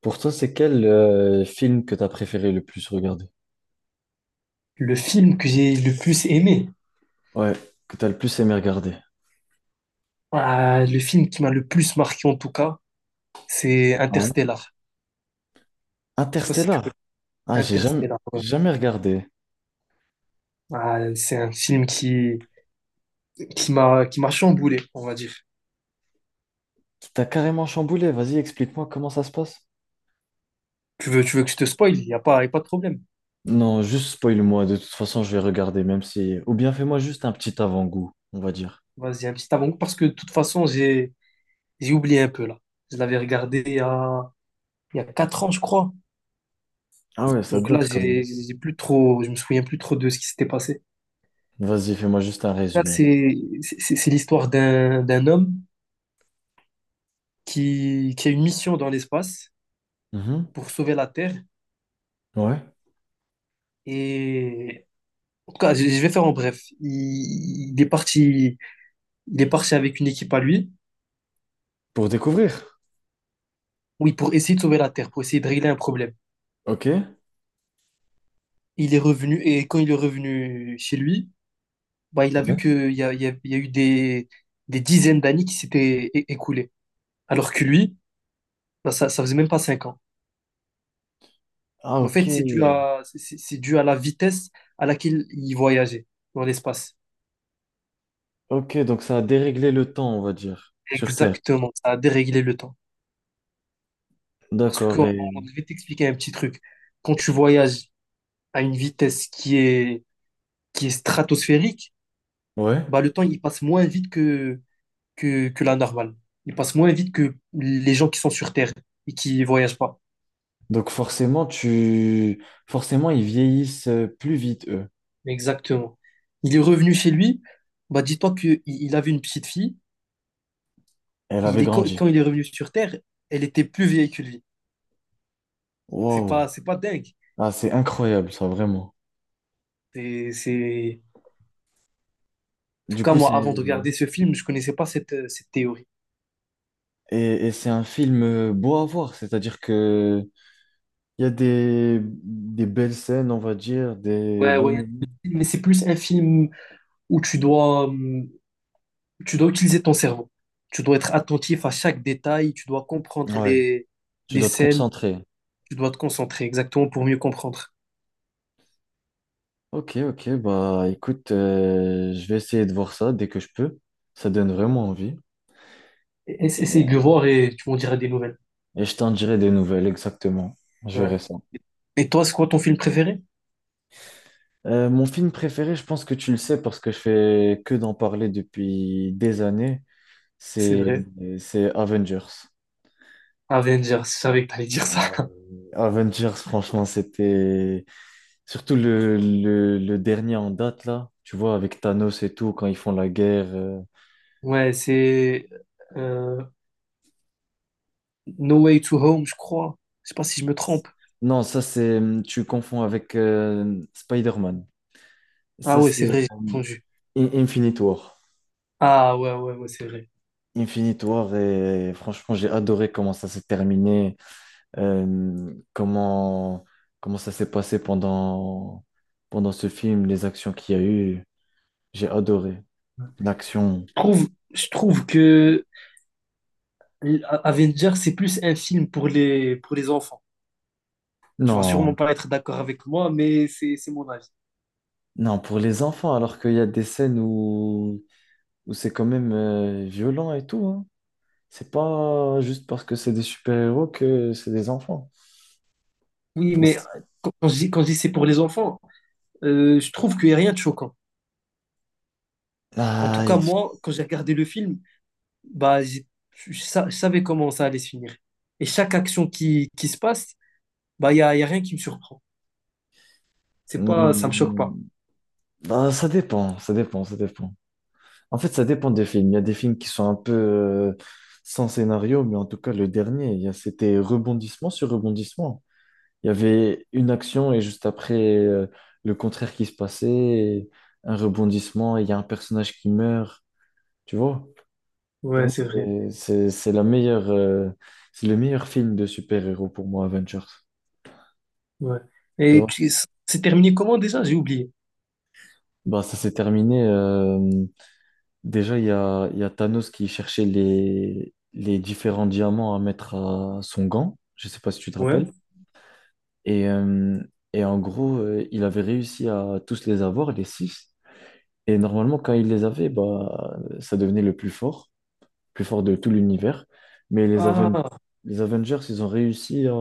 Pour toi, c'est quel film que t'as préféré le plus regarder? Le film que j'ai le plus aimé, Ouais, que t'as le plus aimé regarder. ah, le film qui m'a le plus marqué en tout cas, c'est Ouais. Interstellar. Je sais pas si tu Interstellar. connais Ah, Interstellar. Ouais. j'ai jamais regardé. Ah, c'est un film qui qui m'a chamboulé, on va dire. T'as carrément chamboulé. Vas-y, explique-moi comment ça se passe. Tu veux que je te spoil? Il y a pas de problème. Non, juste spoil-moi. De toute façon, je vais regarder, même si. Ou bien fais-moi juste un petit avant-goût, on va dire. Vas-y, un petit avant parce que de toute façon j'ai oublié un peu là. Je l'avais regardé il y a 4 ans je crois. Ah ouais, ça Donc là date quand même. j'ai plus trop, je me souviens plus trop de ce qui s'était passé. Vas-y, fais-moi juste un Là résumé. C'est l'histoire d'un homme qui a une mission dans l'espace Mhm. pour sauver la Terre. Ouais. Et en tout cas, je vais faire en bref. Il est parti, il est parti avec une équipe à lui, Pour découvrir. oui, pour essayer de sauver la Terre, pour essayer de régler un problème. Ok. Il est revenu, et quand il est revenu chez lui, il a vu Ouais. qu'il y a, il y a eu des dizaines d'années qui s'étaient écoulées. Alors que lui, ça, ça faisait même pas 5 ans. Ah, ok. C'est dû à, c'est dû à la vitesse à laquelle il voyageait dans l'espace. Ok, donc ça a déréglé le temps, on va dire, sur Terre. Exactement, ça a déréglé le temps. Parce que D'accord. Et... je vais t'expliquer un petit truc. Quand tu voyages à une vitesse qui est stratosphérique, Ouais. bah le temps il passe moins vite que, que la normale. Il passe moins vite que les gens qui sont sur Terre et qui voyagent pas. Donc forcément, tu... forcément, ils vieillissent plus vite, eux. Exactement. Il est revenu chez lui, bah dis-toi qu'il il avait une petite fille. Elle Et avait il est, quand grandi. quand il est revenu sur Terre, elle était plus vieille que lui. Wow. C'est pas dingue. Ah, c'est incroyable, ça, vraiment. C'est... En tout Du cas, coup, c'est... moi, avant de regarder ce film, je connaissais pas cette, cette théorie. Et c'est un film beau à voir, c'est-à-dire que il y a des belles scènes, on va dire, des Ouais, beaux ouais. moments. Mais c'est plus un film où tu dois utiliser ton cerveau. Tu dois être attentif à chaque détail, tu dois comprendre Ouais, tu les dois te scènes, concentrer. tu dois te concentrer exactement pour mieux comprendre. Ok, ok, bah écoute, je vais essayer de voir ça dès que je peux. Ça donne vraiment envie. Et, Essaye de le voir et tu m'en diras des nouvelles. et je t'en dirai des nouvelles, exactement. Je Ouais. verrai ça. Et toi, c'est quoi ton film préféré? Mon film préféré, je pense que tu le sais parce que je fais que d'en parler depuis des années, C'est c'est vrai. c'est Avengers. Avengers, je savais que t'allais dire ça. Euh, Avengers, franchement, c'était surtout le dernier en date là, tu vois, avec Thanos et tout, quand ils font la guerre. Ouais, c'est euh, No Way to Home, je crois. Je sais pas si je me trompe. Non, ça c'est tu confonds avec Spider-Man. Ah Ça ouais, c'est c'est vrai, j'ai entendu. Infinite War. Ah ouais, ouais, ouais, c'est vrai. Infinite War et franchement, j'ai adoré comment ça s'est terminé. Euh, comment, comment ça s'est pendant ce film, les actions qu'il y a eu. J'ai adoré. L'action. Je trouve, je trouve que Avengers, c'est plus un film pour les enfants. Tu vas sûrement Non, pas être d'accord avec moi, mais c'est mon avis. non, pour les enfants, alors qu'il y a des scènes où, où c'est quand même violent et tout, hein. C'est pas juste parce que c'est des super-héros que c'est des enfants. Oui, Enfin, mais quand je dis c'est pour les enfants, je trouve qu'il n'y a rien de choquant. En tout ah, cas, il- moi, quand j'ai regardé le film, bah, j'ai- je, je savais comment ça allait se finir. Et chaque action qui se passe, bah, il y a rien qui me surprend. C'est pas, ça me choque Hmm, pas. ah, ça dépend, ça dépend, ça dépend. En fait, ça dépend des films. Il y a des films qui sont un peu sans scénario, mais en tout cas, le dernier, c'était rebondissement sur rebondissement. Il y avait une action et juste après, le contraire qui se passait, et un rebondissement, et il y a un personnage qui meurt. Tu vois? Pour Ouais, moi, c'est vrai. C'est la meilleure, c'est le meilleur film de super-héros pour moi, Avengers. Ouais. Tu Et vois? C'est terminé comment déjà? J'ai oublié. Bah, ça s'est terminé. Déjà, il y a Thanos qui cherchait les différents diamants à mettre à son gant. Je sais pas si tu te Ouais. rappelles. Et, euh, et en gros, il avait réussi à tous les avoir, les six. Et normalement, quand il les avait, bah, ça devenait le plus fort de tout l'univers. Mais Ah, les Avengers, ils ont réussi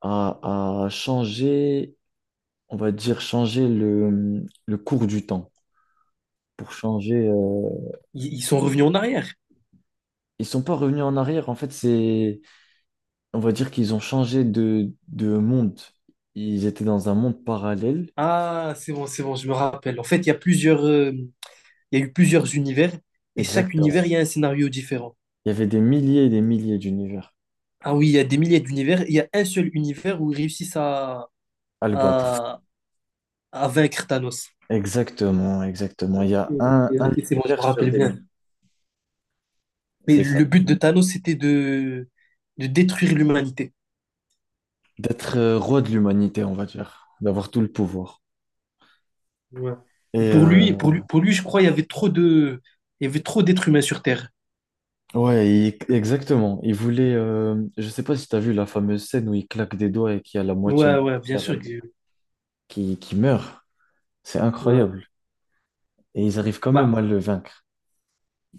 à, à changer, on va dire, changer le cours du temps. Pour changer, ils sont revenus en arrière. ils sont pas revenus en arrière. En fait, c'est on va dire qu'ils ont changé de monde. Ils étaient dans un monde parallèle. Ah, c'est bon, je me rappelle. En fait, il y a plusieurs, il y a eu plusieurs univers et chaque Exactement. univers, il y a un scénario différent. Il y avait des milliers et des milliers d'univers Ah oui, il y a des milliers d'univers. Il y a un seul univers où ils réussissent à le battre. à, à vaincre Thanos. Exactement, exactement. Il y a Ok, ok, un c'est bon, je me univers sur rappelle des bien. milliers. Mais C'est ça. le but de Thanos, c'était de détruire l'humanité. D'être roi de l'humanité, on va dire. D'avoir tout le pouvoir. Ouais. Et Pour euh, lui, pour lui, pour lui, je crois, il y avait trop de, il y avait trop d'êtres humains sur Terre. ouais, exactement. Il voulait. Je sais pas si tu as vu la fameuse scène où il claque des doigts et qu'il y a la moitié de Ouais, ouais, bien l'univers sûr que. Qui meurt. C'est Ouais. incroyable. Et ils arrivent quand même à Bah, le vaincre.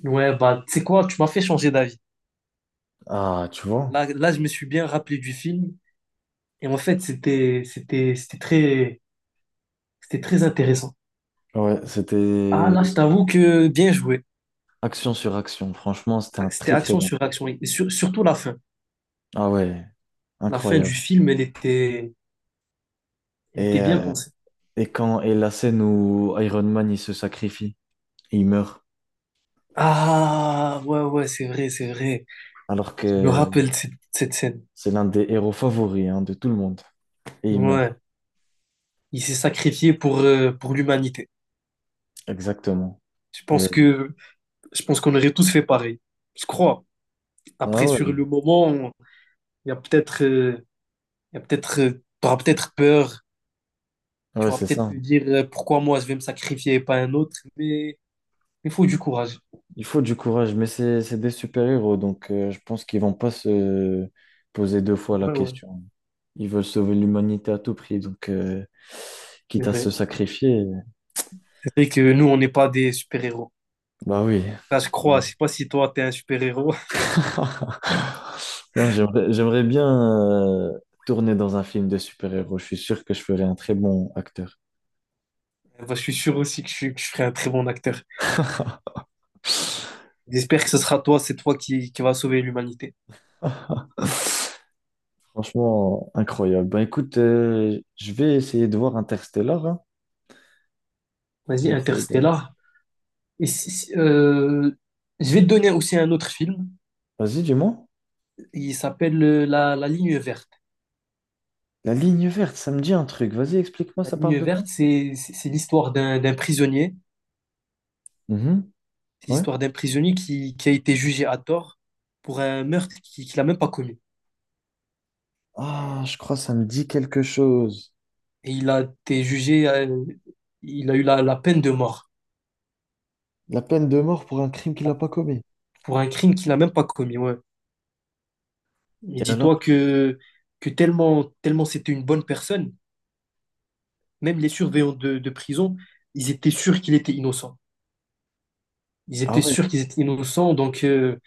ouais, bah, tu sais quoi, tu m'as fait changer d'avis. Ah, tu vois. Là, là, je me suis bien rappelé du film. Et en fait, c'était, c'était, c'était très intéressant. Ouais, Ah, c'était là, je t'avoue que bien joué. action sur action. Franchement, c'était un C'était très très action bon sur film. action. Et surtout la fin. Ah ouais, La fin du incroyable. film, elle était Et, bien euh, pensée. et quand et la scène où Iron Man il se sacrifie, et il meurt, Ah, ouais, ouais, c'est vrai, c'est vrai. alors Je me que rappelle de cette, cette scène. c'est l'un des héros favoris hein, de tout le monde. Et il meurt, Ouais. Il s'est sacrifié pour l'humanité. exactement. Je pense Et- que, je pense qu'on aurait tous fait pareil. Je crois. ah Après, sur ouais, le moment, il y a peut-être, euh, Il y a peut-être, t'auras peut-être peur, tu ouais, vas c'est peut-être ça. te dire pourquoi moi je vais me sacrifier et pas un autre, mais il faut du courage. Il faut du courage, mais c'est des super-héros, donc je pense qu'ils vont pas se poser deux fois la Ouais, ouais, question. Ils veulent sauver l'humanité à tout prix, donc c'est quitte à se vrai. sacrifier. C'est vrai que nous, on n'est pas des super-héros. Bah oui. Là, je Mm. crois, je sais pas si toi, t'es un super-héros. Non, j'aimerais bien euh, tourner dans un film de super-héros. Je suis sûr que je ferais un très bon acteur. Bah, je suis sûr aussi que que je serai un très bon acteur. J'espère que ce sera toi, c'est toi qui va sauver l'humanité. Franchement, incroyable. Bah écoute, je vais essayer de voir Interstellar. Hein. J'ai Vas-y, essayé de voir. Interstellar. Et si- si- euh, je vais te donner aussi un autre film. Vas-y, dis-moi. Il s'appelle La Ligne verte. La ligne verte, ça me dit un truc. Vas-y, explique-moi, La ça parle Ligne de quoi? verte, c'est l'histoire d'un prisonnier. Mhm. C'est Ouais. l'histoire d'un prisonnier qui a été jugé à tort pour un meurtre qu'il n'a même pas commis. Ah, je crois que ça me dit quelque chose. Et il a été jugé, il a eu la, la peine de mort La peine de mort pour un crime qu'il n'a pas commis. pour un crime qu'il n'a même pas commis. Ouais. Et Et dis-toi alors? Que tellement, tellement c'était une bonne personne, même les surveillants de prison, ils étaient sûrs qu'il était innocent. Ils Ah étaient ouais, sûrs qu'ils étaient innocents,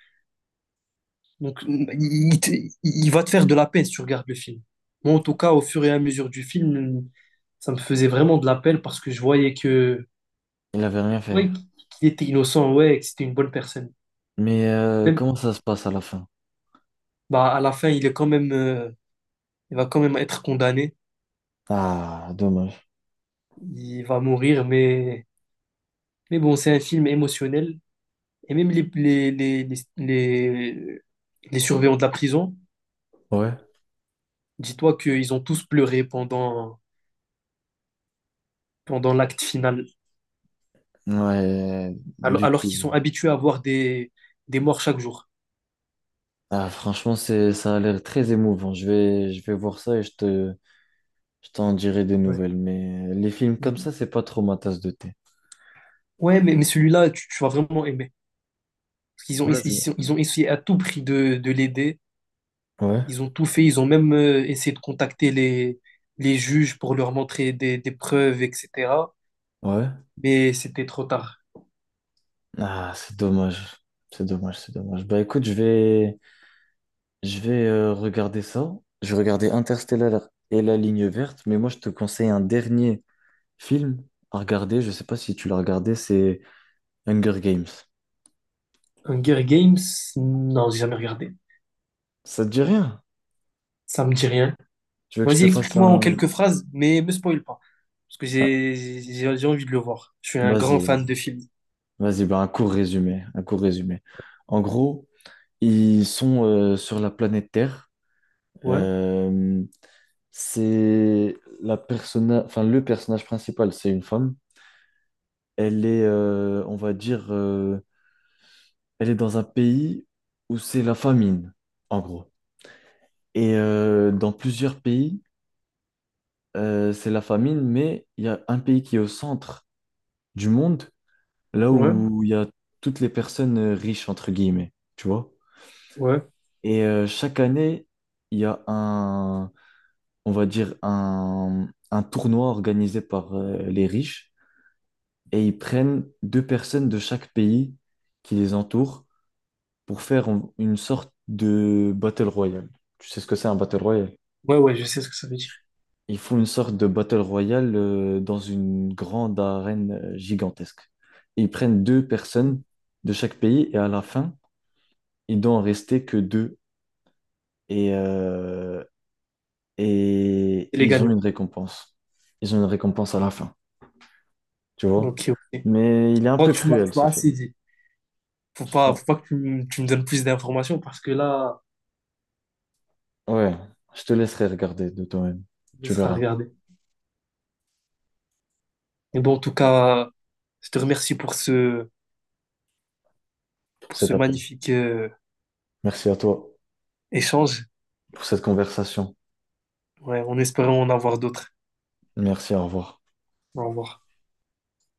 donc il, il va te faire de la peine si tu regardes le film. Moi, en tout cas, au fur et à mesure du film, ça me faisait vraiment de la peine parce que je voyais que il avait rien fait. ouais, qu'il était innocent, ouais, que c'était une bonne personne. Mais Même, comment ça se passe à la fin? bah, à la fin, il est quand même, il va quand même être condamné. Ah, dommage. Il va mourir, mais bon, c'est un film émotionnel. Et même les surveillants de la prison, Ouais. dis-toi qu'ils ont tous pleuré pendant, pendant l'acte final, Ouais, du alors qu'ils coup. sont habitués à voir des morts chaque jour. Ah, franchement, c'est, ça a l'air très émouvant. Je vais voir ça et je t'en dirai des Ouais. nouvelles. Mais les films comme ça, c'est pas trop ma tasse de thé. Ouais, mais celui-là, tu vas vraiment aimer. Parce qu'ils ont, Vas-y. Ils ont essayé à tout prix de l'aider. Ouais, Ils ont tout fait, ils ont même essayé de contacter les juges pour leur montrer des preuves, etc. ouais. Mais c'était trop tard. Ah, c'est dommage. C'est dommage, c'est dommage. Bah écoute, je vais regarder ça. Je vais regarder Interstellar et La Ligne Verte. Mais moi, je te conseille un dernier film à regarder. Je sais pas si tu l'as regardé. C'est Hunger Games. Hunger Games, non, j'ai jamais regardé. Ça te dit rien? Ça me dit rien. Tu veux que je Vas-y, te fasse explique-moi en un... quelques phrases, mais me spoil pas. Parce que un- j'ai envie de le voir. Je suis un grand Vas-y, fan vas-y. de film. Vas-y, bah, un court résumé. Un court résumé. En gros, ils sont sur la planète Terre. Ouais, Euh, c'est la personna... enfin, le personnage principal, c'est une femme. Elle est, on va dire, elle est dans un pays où c'est la famine, en gros. Et dans plusieurs pays, c'est la famine, mais il y a un pays qui est au centre du monde là ouais, où il y a toutes les personnes riches, entre guillemets, tu vois. ouais. Et chaque année, il y a un, on va dire, un tournoi organisé par les riches, et ils prennent deux personnes de chaque pays qui les entourent pour faire une sorte de battle royale. Tu sais ce que c'est un battle royale? Ouais, ouais, je sais ce que ça veut dire. Ils font une sorte de battle royale dans une grande arène gigantesque. Et ils prennent deux C'est personnes de chaque pays, et à la fin, il doit en rester que deux. Et, euh, et les ils ont gagnants. une récompense. Ils ont une récompense à la fin, tu vois. Ok, ok. Je Mais il est un crois peu que tu m'as tu cruel, m'as ce film. assez dit. Sans- Faut pas que tu me donnes plus d'informations parce que là, Ouais, je te laisserai regarder de toi-même. il Tu sera verras regardé. Mais bon, en tout cas, je te remercie pour pour cet ce appel. magnifique Merci à toi échange. pour cette conversation. Ouais, en espérant en avoir d'autres. Merci, au revoir. Au revoir.